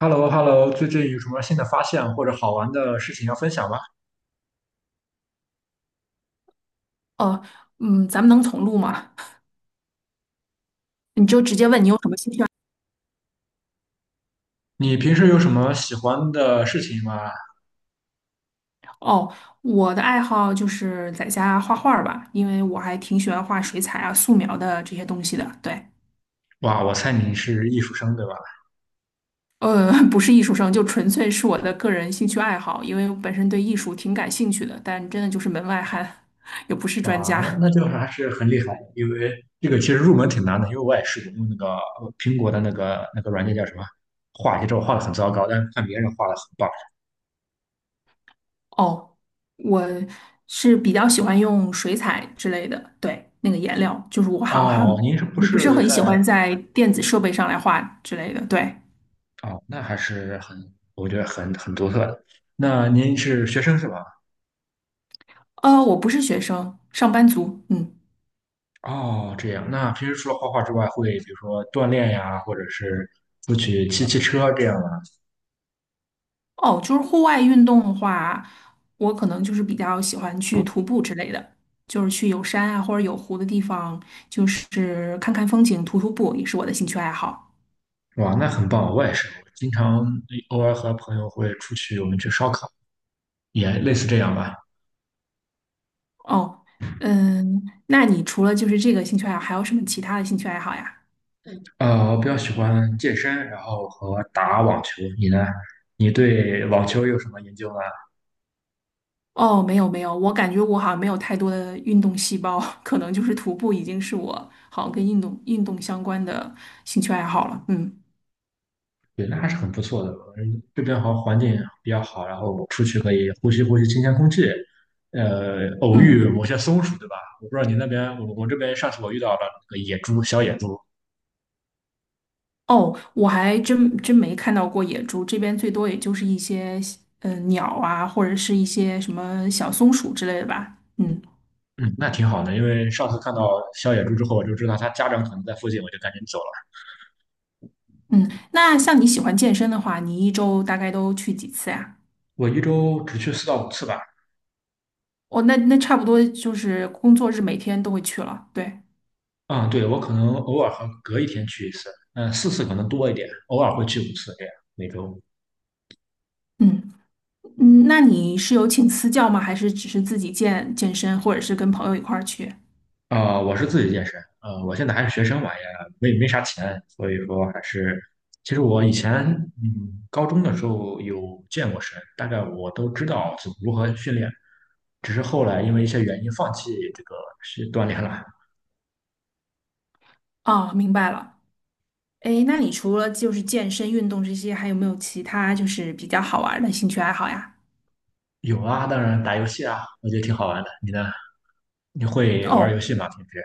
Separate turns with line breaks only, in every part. h e l l o h e l l o 最近有什么新的发现或者好玩的事情要分享吗？
哦，咱们能重录吗？你就直接问你有什么兴趣爱
你平时有什么喜欢的事情吗？
好？哦，我的爱好就是在家画画儿吧，因为我还挺喜欢画水彩啊、素描的这些东西的。对，
哇，我猜你是艺术生对吧？
不是艺术生，就纯粹是我的个人兴趣爱好，因为我本身对艺术挺感兴趣的，但真的就是门外汉，也不是专
哇，那
家。
那就还是很厉害，因为这个其实入门挺难的，因为我也试过用那个苹果的那个软件叫什么，画一些之后画的很糟糕，但是看别人画的很棒。
哦，我是比较喜欢用水彩之类的，对，那个颜料，就是我好像还
哦，您是不
我不是
是
很
在？
喜欢在电子设备上来画之类的，对。
哦？那还是很，我觉得很独特的。那您是学生是吧？
我不是学生，上班族。嗯，
哦，这样。那平时除了画画之外，会比如说锻炼呀，或者是出去骑骑车这样吗？
哦，就是户外运动的话，我可能就是比较喜欢去徒步之类的，就是去有山啊或者有湖的地方，就是看看风景、徒步也是我的兴趣爱好。
哇，那很棒。我也是，我经常偶尔和朋友会出去，我们去烧烤，也类似这样吧。
哦，嗯，那你除了就是这个兴趣爱好，还有什么其他的兴趣爱好呀？
我比较喜欢健身，然后和打网球。你呢？你对网球有什么研究吗？
哦，没有没有，我感觉我好像没有太多的运动细胞，可能就是徒步已经是我好像跟运动相关的兴趣爱好了。嗯
对，那还是很不错的。嗯，这边好像环境比较好，然后出去可以呼吸呼吸新鲜空气，偶遇
嗯。
某些松鼠，对吧？我不知道你那边，我这边上次我遇到了那个野猪，小野猪。
哦，我还真真没看到过野猪，这边最多也就是一些鸟啊，或者是一些什么小松鼠之类的吧。嗯
嗯，那挺好的。因为上次看到小野猪之后，我就知道它家长可能在附近，我就赶紧走了。
嗯，那像你喜欢健身的话，你一周大概都去几次呀？
我一周只去4到5次吧。
哦，那差不多就是工作日每天都会去了。对，
嗯，对，我可能偶尔和隔一天去1次，嗯，4次可能多一点，偶尔会去五次这样每周。
嗯嗯，那你是有请私教吗？还是只是自己健健身，或者是跟朋友一块儿去？
我是自己健身。我现在还是学生嘛，也没啥钱，所以说还是，其实我以前高中的时候有健过身，大概我都知道怎么如何训练，只是后来因为一些原因放弃这个是锻炼了。
哦，明白了。诶，那你除了就是健身运动这些，还有没有其他就是比较好玩儿的兴趣爱好呀？
有啊，当然打游戏啊，我觉得挺好玩的。你呢？你会玩游
哦，
戏吗？平时？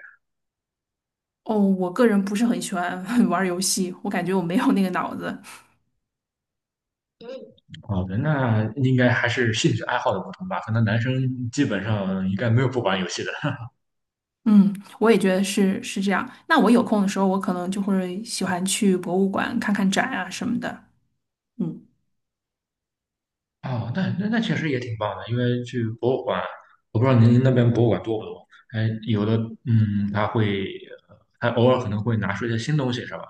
哦，我个人不是很喜欢 玩儿游戏，我感觉我没有那个脑子。
好的，那应该还是兴趣爱好的不同吧。可能男生基本上应该没有不玩游戏的。
嗯，我也觉得是这样。那我有空的时候，我可能就会喜欢去博物馆看看展啊什么的。嗯
哦，那确实也挺棒的，因为去博物馆，我不知道您那边博物馆多不多？哎，有的，嗯，他会，他偶尔可能会拿出一些新东西，是吧？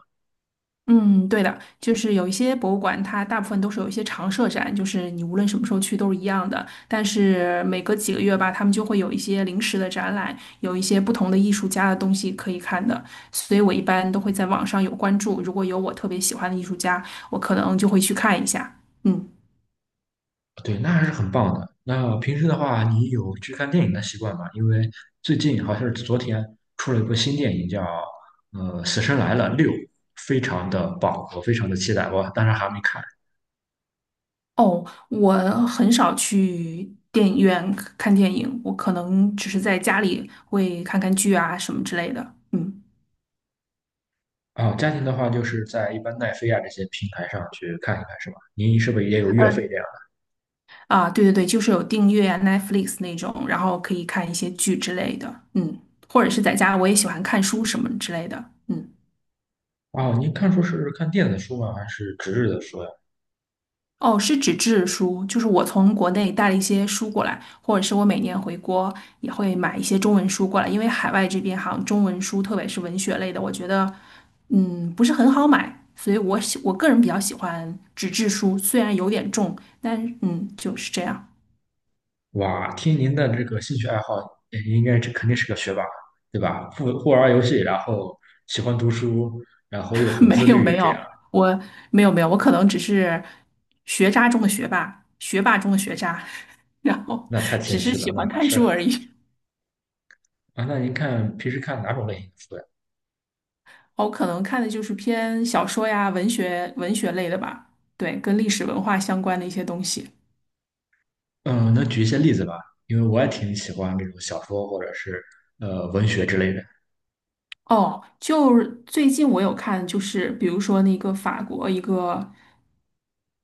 嗯，对的，就是有一些博物馆，它大部分都是有一些常设展，就是你无论什么时候去都是一样的。但是每隔几个月吧，他们就会有一些临时的展览，有一些不同的艺术家的东西可以看的。所以我一般都会在网上有关注，如果有我特别喜欢的艺术家，我可能就会去看一下。嗯。
对，那还是很棒的。那平时的话，你有去看电影的习惯吗？因为最近好像是昨天出了一部新电影叫，《死神来了六》，非常的棒，我非常的期待，我当然还没看。
哦，我很少去电影院看电影，我可能只是在家里会看看剧啊什么之类的。嗯，
啊、家庭的话就是在一般奈飞啊这些平台上去看一看，是吧？您是不是也有月费这
嗯，
样？
啊，对对对，就是有订阅啊 Netflix 那种，然后可以看一些剧之类的。嗯，或者是在家，我也喜欢看书什么之类的。嗯。
哦，您看书是看电子书吗？还是纸质的书呀？
哦，是纸质书，就是我从国内带了一些书过来，或者是我每年回国也会买一些中文书过来，因为海外这边好像中文书，特别是文学类的，我觉得不是很好买，所以我个人比较喜欢纸质书，虽然有点重，但就是这样。
哇，听您的这个兴趣爱好，应该这肯定是个学霸，对吧？不玩游戏，然后喜欢读书，然后又 很
没
自
有
律，
没
这样
有，我没有没有，我可能只是学渣中的学霸，学霸中的学渣，然后
那太
只
谦
是
虚了，
喜
那
欢
还
看
是
书而已。
啊。那您看平时看哪种类型的书呀？
我可能看的就是偏小说呀、文学、文学类的吧，对，跟历史文化相关的一些东西。
嗯，能举一些例子吧？因为我也挺喜欢这种小说或者是文学之类的。
哦，就是最近我有看，就是比如说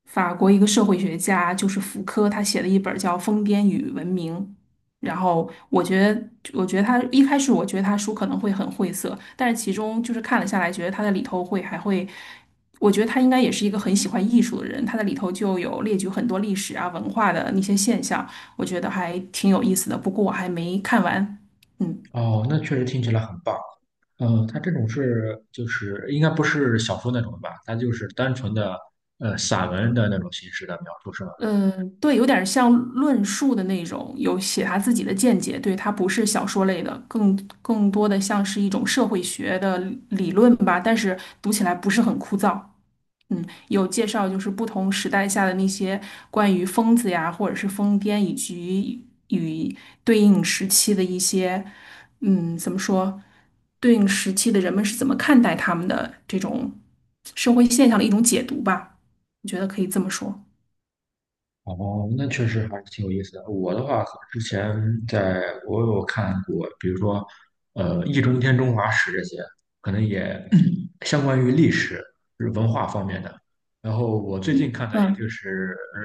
法国一个社会学家，就是福柯，他写了一本叫《疯癫与文明》。然后我觉得他一开始我觉得他书可能会很晦涩，但是其中就是看了下来，觉得他在里头会还会，我觉得他应该也是一个很喜欢艺术的人，他在里头就有列举很多历史啊、文化的那些现象，我觉得还挺有意思的。不过我还没看完，嗯。
哦，那确实听起来很棒。它这种是就是应该不是小说那种吧？它就是单纯的散文的那种形式的描述，是吗？
嗯，对，有点像论述的那种，有写他自己的见解，对，它不是小说类的，更多的像是一种社会学的理论吧，但是读起来不是很枯燥。嗯，有介绍就是不同时代下的那些关于疯子呀，或者是疯癫，以及与对应时期的一些，怎么说，对应时期的人们是怎么看待他们的这种社会现象的一种解读吧，我觉得可以这么说。
哦，那确实还是挺有意思的。我的话，之前在我有看过，比如说，《易中天中华史》这些，可能也嗯 相关于历史、就是文化方面的。然后我最
你
近看的
嗯。
就是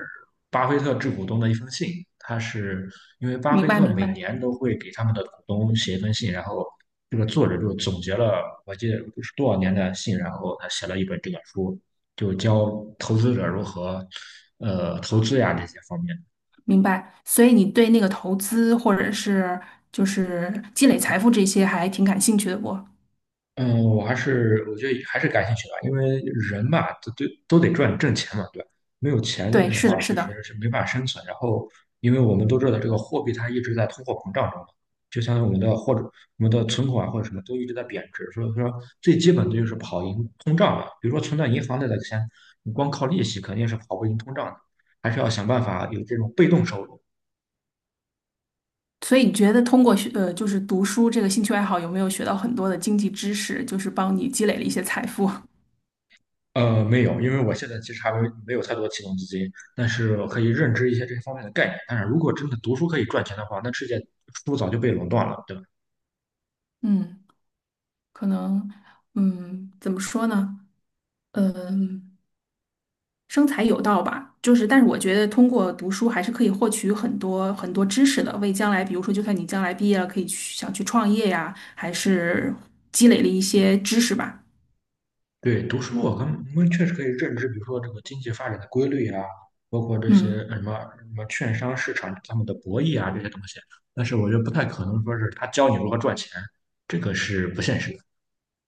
巴菲特致股东的一封信。他是因为巴菲
明白，
特
明
每
白，
年都会给他们的股东写一封信，然后这个作者就总结了我记得不是多少年的信，然后他写了一本这本书。就教投资者如何投资呀这些方面。
明白。所以你对那个投资或者是就是积累财富这些还挺感兴趣的不？
嗯，我觉得还是感兴趣的，因为人嘛，都都得赚挣钱嘛，对吧？没有钱
对，
的
是
话，
的，是
确
的。
实是没办法生存。然后，因为我们都知道这个货币它一直在通货膨胀中嘛，就像我们的我们的存款或者什么都一直在贬值，所以说最基本的就是跑赢通胀了。比如说存到银行里的钱，你光靠利息肯定是跑不赢通胀的，还是要想办法有这种被动收入。
所以你觉得通过就是读书这个兴趣爱好，有没有学到很多的经济知识，就是帮你积累了一些财富？
没有，因为我现在其实还没没有太多启动资金，但是我可以认知一些这方面的概念。但是如果真的读书可以赚钱的话，那世界书早就被垄断了，对吧？
嗯，可能，怎么说呢？嗯。生财有道吧，就是，但是我觉得通过读书还是可以获取很多很多知识的，为将来，比如说，就算你将来毕业了，可以去想去创业呀，还是积累了一些知识吧。
对，读书我跟我们确实可以认知，比如说这个经济发展的规律啊，包括这些
嗯
什么什么券商市场他们的博弈啊这些东西。但是我觉得不太可能说是他教你如何赚钱，这个是不现实的。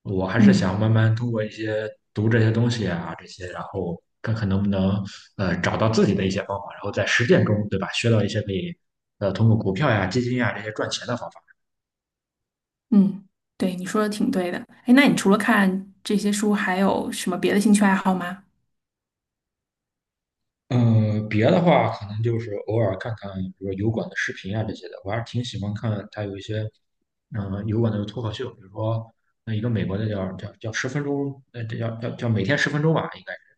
我还是想
嗯
慢慢通过一些读这些东西啊，这些，然后看看能不能找到自己的一些方法，然后在实践中，对吧，学到一些可以通过股票呀、基金呀这些赚钱的方法。
嗯，对，你说的挺对的。哎，那你除了看这些书，还有什么别的兴趣爱好吗？
嗯，别的话可能就是偶尔看看，比如说油管的视频啊这些的，我还是挺喜欢看他有一些油管的脱口秀，比如说那一个美国的叫十分钟，这叫每天十分钟吧，应该。是。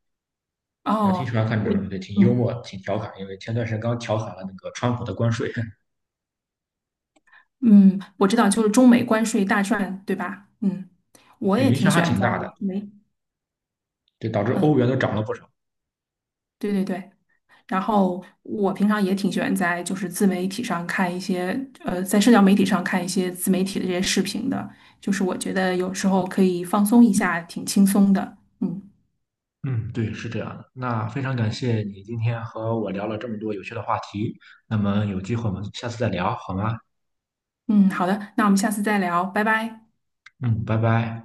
我还挺喜
哦，
欢看这
我
种，对，挺幽默，
嗯
挺调侃，因为前段时间刚调侃了那个川普的关税。
嗯，我知道，就是中美关税大战，对吧？嗯，我
对，
也
影
挺
响
喜
还
欢
挺
在
大的，
美，
对，导致欧
嗯，
元都涨了不少。
对对对。然后我平常也挺喜欢在就是自媒体上看一些，在社交媒体上看一些自媒体的这些视频的，就是我觉得有时候可以放松一下，挺轻松的。嗯
嗯，对，是这样的。那非常感谢你今天和我聊了这么多有趣的话题。那么有机会我们下次再聊，好吗？
嗯，好的，那我们下次再聊，拜拜。
嗯，拜拜。